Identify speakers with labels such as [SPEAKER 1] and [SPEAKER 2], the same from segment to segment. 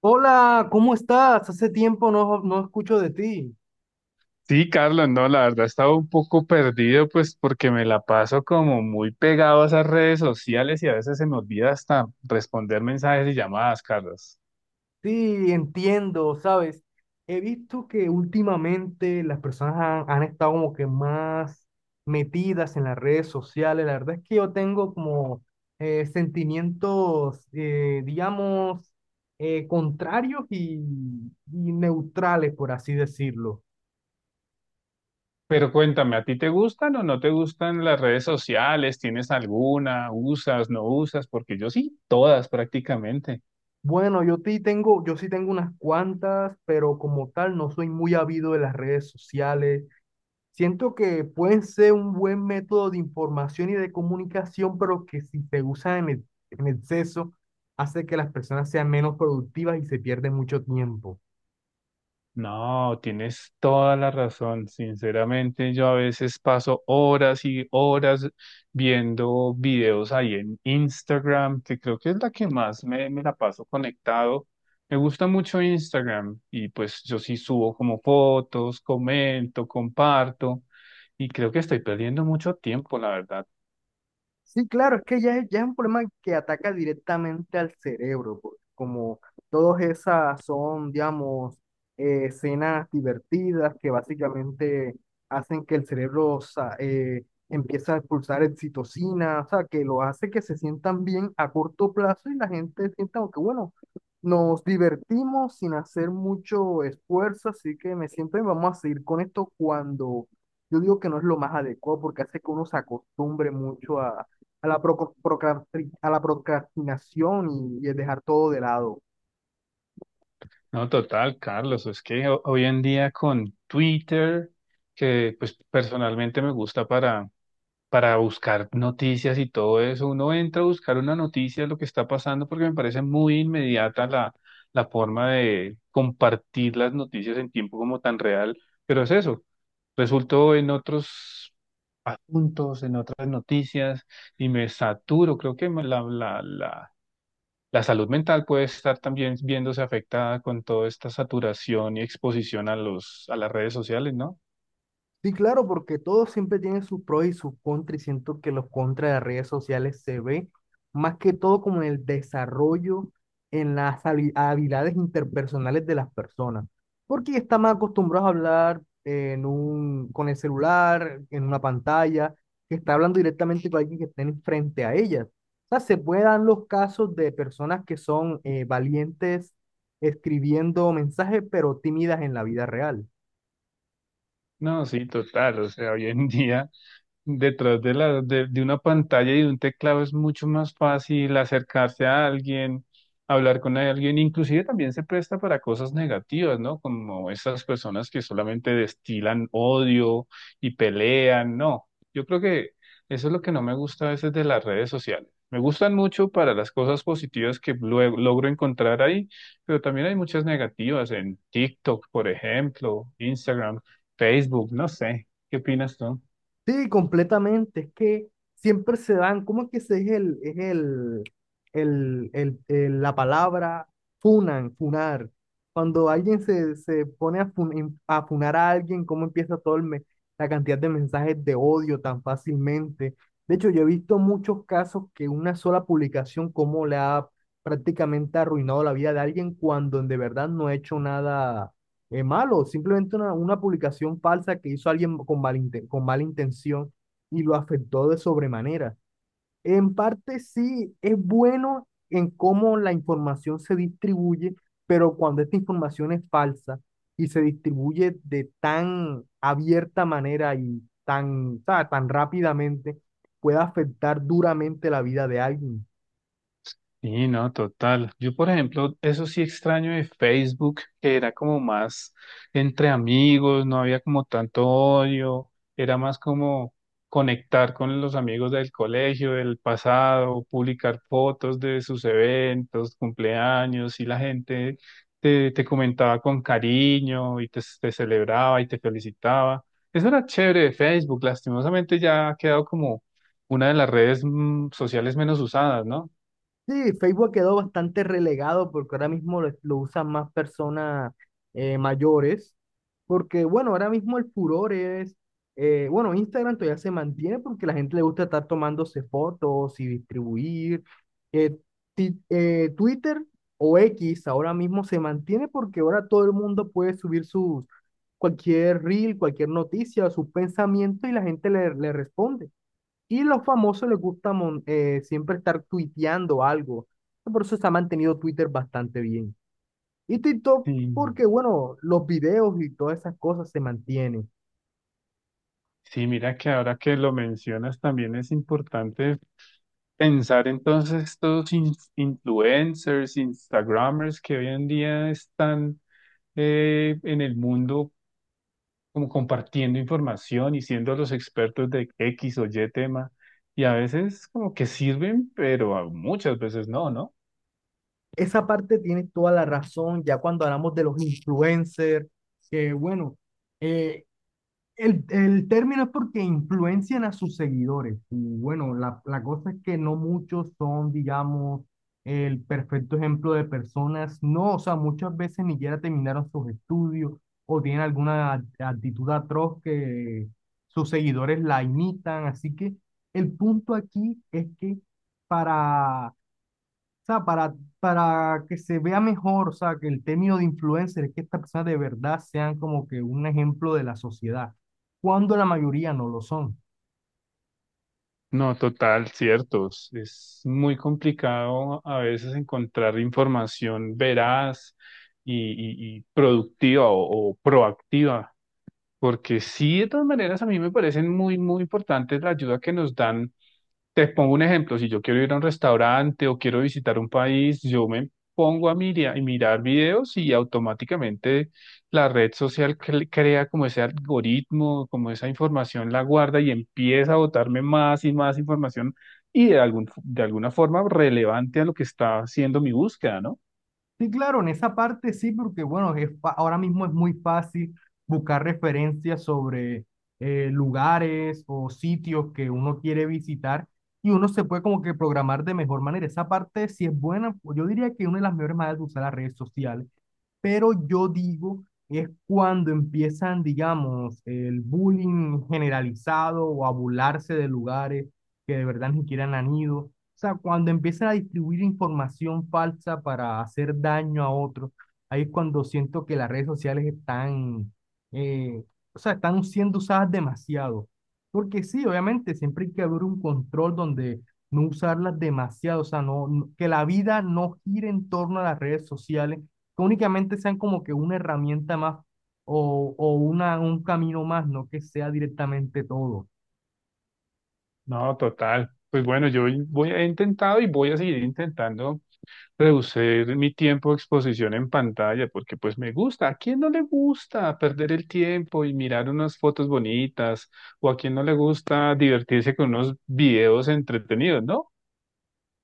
[SPEAKER 1] Hola, ¿cómo estás? Hace tiempo no escucho de ti.
[SPEAKER 2] Sí, Carlos, no, la verdad estaba un poco perdido, pues porque me la paso como muy pegado a esas redes sociales y a veces se me olvida hasta responder mensajes y llamadas, Carlos.
[SPEAKER 1] Sí, entiendo, ¿sabes? He visto que últimamente las personas han estado como que más metidas en las redes sociales. La verdad es que yo tengo como sentimientos, digamos, contrarios y neutrales, por así decirlo.
[SPEAKER 2] Pero cuéntame, ¿a ti te gustan o no te gustan las redes sociales? ¿Tienes alguna? ¿Usas, no usas? Porque yo sí, todas prácticamente.
[SPEAKER 1] Bueno, yo sí tengo unas cuantas, pero como tal no soy muy habido de las redes sociales. Siento que pueden ser un buen método de información y de comunicación, pero que si se usan en exceso, hace que las personas sean menos productivas y se pierde mucho tiempo.
[SPEAKER 2] No, tienes toda la razón. Sinceramente, yo a veces paso horas y horas viendo videos ahí en Instagram, que creo que es la que más me la paso conectado. Me gusta mucho Instagram y pues yo sí subo como fotos, comento, comparto y creo que estoy perdiendo mucho tiempo, la verdad.
[SPEAKER 1] Sí, claro, es que ya es un problema que ataca directamente al cerebro, como todas esas son, digamos, escenas divertidas que básicamente hacen que el cerebro empiece a expulsar oxitocina, o sea, que lo hace que se sientan bien a corto plazo y la gente sienta como que, bueno, nos divertimos sin hacer mucho esfuerzo, así que me siento y vamos a seguir con esto cuando. Yo digo que no es lo más adecuado porque hace que uno se acostumbre mucho a la procrastinación y el dejar todo de lado.
[SPEAKER 2] No, total, Carlos, es que hoy en día con Twitter, que pues personalmente me gusta para buscar noticias y todo eso. Uno entra a buscar una noticia de lo que está pasando porque me parece muy inmediata la forma de compartir las noticias en tiempo como tan real, pero es eso. Resultó en otros asuntos, en otras noticias y me saturo. Creo que la salud mental puede estar también viéndose afectada con toda esta saturación y exposición a a las redes sociales, ¿no?
[SPEAKER 1] Sí, claro, porque todo siempre tiene sus pros y sus contras, y siento que los contras de las redes sociales se ve más que todo como en el desarrollo, en las habilidades interpersonales de las personas, porque ya están más acostumbrados a hablar con el celular, en una pantalla, que está hablando directamente con alguien que esté frente a ellas. O sea, se pueden dar los casos de personas que son valientes escribiendo mensajes, pero tímidas en la vida real.
[SPEAKER 2] No, sí, total. O sea, hoy en día detrás de de una pantalla y de un teclado es mucho más fácil acercarse a alguien, hablar con alguien, inclusive también se presta para cosas negativas, ¿no? Como esas personas que solamente destilan odio y pelean, no. Yo creo que eso es lo que no me gusta a veces de las redes sociales. Me gustan mucho para las cosas positivas que luego logro encontrar ahí, pero también hay muchas negativas en TikTok, por ejemplo, Instagram, Facebook, no sé. ¿Qué opinas tú?
[SPEAKER 1] Sí, completamente. Es que siempre se dan, ¿cómo es que se es el- la palabra funan, funar? Cuando alguien se pone a funar a alguien, ¿cómo empieza todo la cantidad de mensajes de odio tan fácilmente? De hecho, yo he visto muchos casos que una sola publicación, cómo le ha prácticamente arruinado la vida de alguien cuando de verdad no ha hecho nada es malo, simplemente una publicación falsa que hizo alguien con mala intención y lo afectó de sobremanera. En parte sí es bueno en cómo la información se distribuye, pero cuando esta información es falsa y se distribuye de tan abierta manera y tan rápidamente, puede afectar duramente la vida de alguien.
[SPEAKER 2] Sí, no, total. Yo, por ejemplo, eso sí extraño de Facebook, que era como más entre amigos, no había como tanto odio, era más como conectar con los amigos del colegio, del pasado, publicar fotos de sus eventos, cumpleaños, y la gente te comentaba con cariño y te celebraba y te felicitaba. Eso era chévere de Facebook, lastimosamente ya ha quedado como una de las redes sociales menos usadas, ¿no?
[SPEAKER 1] Sí, Facebook quedó bastante relegado porque ahora mismo lo usan más personas mayores. Porque, bueno, ahora mismo el furor es, bueno, Instagram todavía se mantiene porque la gente le gusta estar tomándose fotos y distribuir. Eh, Twitter o X ahora mismo se mantiene porque ahora todo el mundo puede subir sus, cualquier reel, cualquier noticia, sus pensamientos y la gente le responde. Y los famosos les gusta siempre estar tuiteando algo. Por eso se ha mantenido Twitter bastante bien. Y TikTok,
[SPEAKER 2] Sí.
[SPEAKER 1] porque bueno, los videos y todas esas cosas se mantienen.
[SPEAKER 2] Sí, mira que ahora que lo mencionas también es importante pensar entonces estos influencers, Instagramers que hoy en día están en el mundo como compartiendo información y siendo los expertos de X o Y tema y a veces como que sirven, pero a muchas veces no, ¿no?
[SPEAKER 1] Esa parte tienes toda la razón, ya cuando hablamos de los influencers, que bueno, eh, el término es porque influencian a sus seguidores. Y bueno, la cosa es que no muchos son, digamos, el perfecto ejemplo de personas. No, o sea, muchas veces ni siquiera terminaron sus estudios o tienen alguna actitud atroz que sus seguidores la imitan. Así que el punto aquí es que para sea, para, para que se vea mejor, o sea, que el término de influencer es que estas personas de verdad sean como que un ejemplo de la sociedad, cuando la mayoría no lo son.
[SPEAKER 2] No, total, ciertos. Es muy complicado a veces encontrar información veraz y productiva o proactiva, porque sí, de todas maneras a mí me parecen muy, muy importantes la ayuda que nos dan te pongo un ejemplo, si yo quiero ir a un restaurante o quiero visitar un país, yo me pongo a mirar, mirar videos y automáticamente la red social crea como ese algoritmo, como esa información la guarda y empieza a botarme más y más información y de de alguna forma relevante a lo que está haciendo mi búsqueda, ¿no?
[SPEAKER 1] Sí, claro, en esa parte sí, porque bueno, ahora mismo es muy fácil buscar referencias sobre lugares o sitios que uno quiere visitar y uno se puede como que programar de mejor manera. Esa parte sí es buena, pues, yo diría que una de las mejores maneras de usar las redes sociales, pero yo digo es cuando empiezan, digamos, el bullying generalizado o a burlarse de lugares que de verdad ni siquiera han ido. O sea, cuando empiezan a distribuir información falsa para hacer daño a otros, ahí es cuando siento que las redes sociales están, eh, o sea, están siendo usadas demasiado. Porque sí, obviamente, siempre hay que haber un control donde no usarlas demasiado, o sea, que la vida no gire en torno a las redes sociales, que únicamente sean como que una herramienta más o un camino más, no que sea directamente todo.
[SPEAKER 2] No, total. Pues bueno, yo voy, he intentado y voy a seguir intentando reducir mi tiempo de exposición en pantalla, porque pues me gusta. ¿A quién no le gusta perder el tiempo y mirar unas fotos bonitas? ¿O a quién no le gusta divertirse con unos videos entretenidos, no?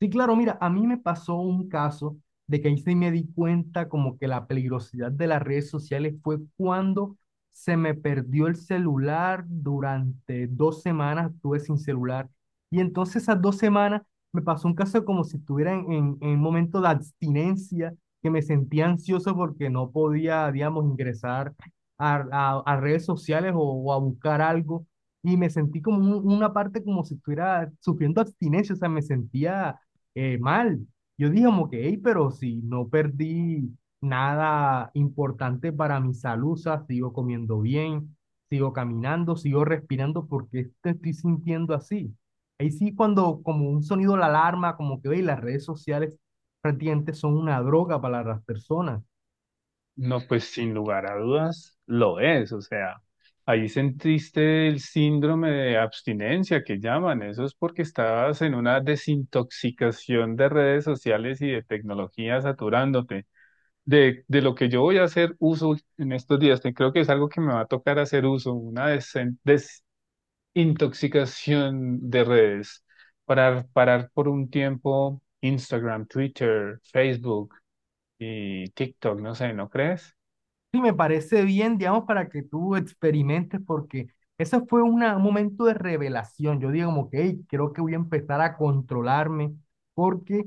[SPEAKER 1] Sí, claro, mira, a mí me pasó un caso de que ahí sí me di cuenta como que la peligrosidad de las redes sociales fue cuando se me perdió el celular durante 2 semanas, estuve sin celular. Y entonces esas 2 semanas me pasó un caso como si estuviera en un momento de abstinencia, que me sentía ansioso porque no podía, digamos, ingresar a redes sociales o a buscar algo. Y me sentí como una parte como si estuviera sufriendo abstinencia, o sea, me sentía mal. Yo dije como que, hey, pero si no perdí nada importante para mi salud, o sea, sigo comiendo bien, sigo caminando, sigo respirando, ¿porque te estoy sintiendo así? Ahí sí cuando como un sonido la alarma, como que, hey, las redes sociales prácticamente son una droga para las personas.
[SPEAKER 2] No, pues sin lugar a dudas lo es. O sea, ahí sentiste el síndrome de abstinencia que llaman. Eso es porque estabas en una desintoxicación de redes sociales y de tecnología saturándote. De de, lo que yo voy a hacer uso en estos días. Creo que es algo que me va a tocar hacer uso, una desintoxicación de redes, para parar por un tiempo Instagram, Twitter, Facebook y TikTok, no sé, ¿no crees?
[SPEAKER 1] Sí, me parece bien, digamos, para que tú experimentes, porque ese fue un momento de revelación. Yo digo como que, hey, creo que voy a empezar a controlarme porque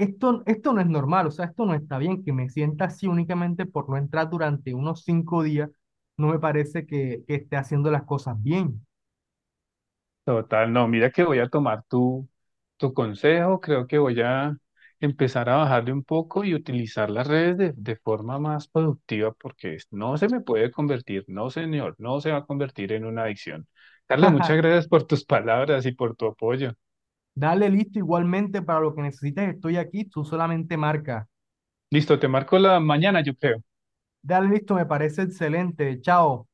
[SPEAKER 1] esto no es normal, o sea, esto no está bien, que me sienta así únicamente por no entrar durante unos 5 días, no me parece que esté haciendo las cosas bien.
[SPEAKER 2] Total, no, mira que voy a tomar tu consejo, creo que voy a empezar a bajarle un poco y utilizar las redes de forma más productiva porque no se me puede convertir, no señor, no se va a convertir en una adicción. Carlos, muchas gracias por tus palabras y por tu apoyo.
[SPEAKER 1] Dale listo igualmente para lo que necesites, estoy aquí, tú solamente marca.
[SPEAKER 2] Listo, te marco la mañana, yo creo.
[SPEAKER 1] Dale listo, me parece excelente, chao.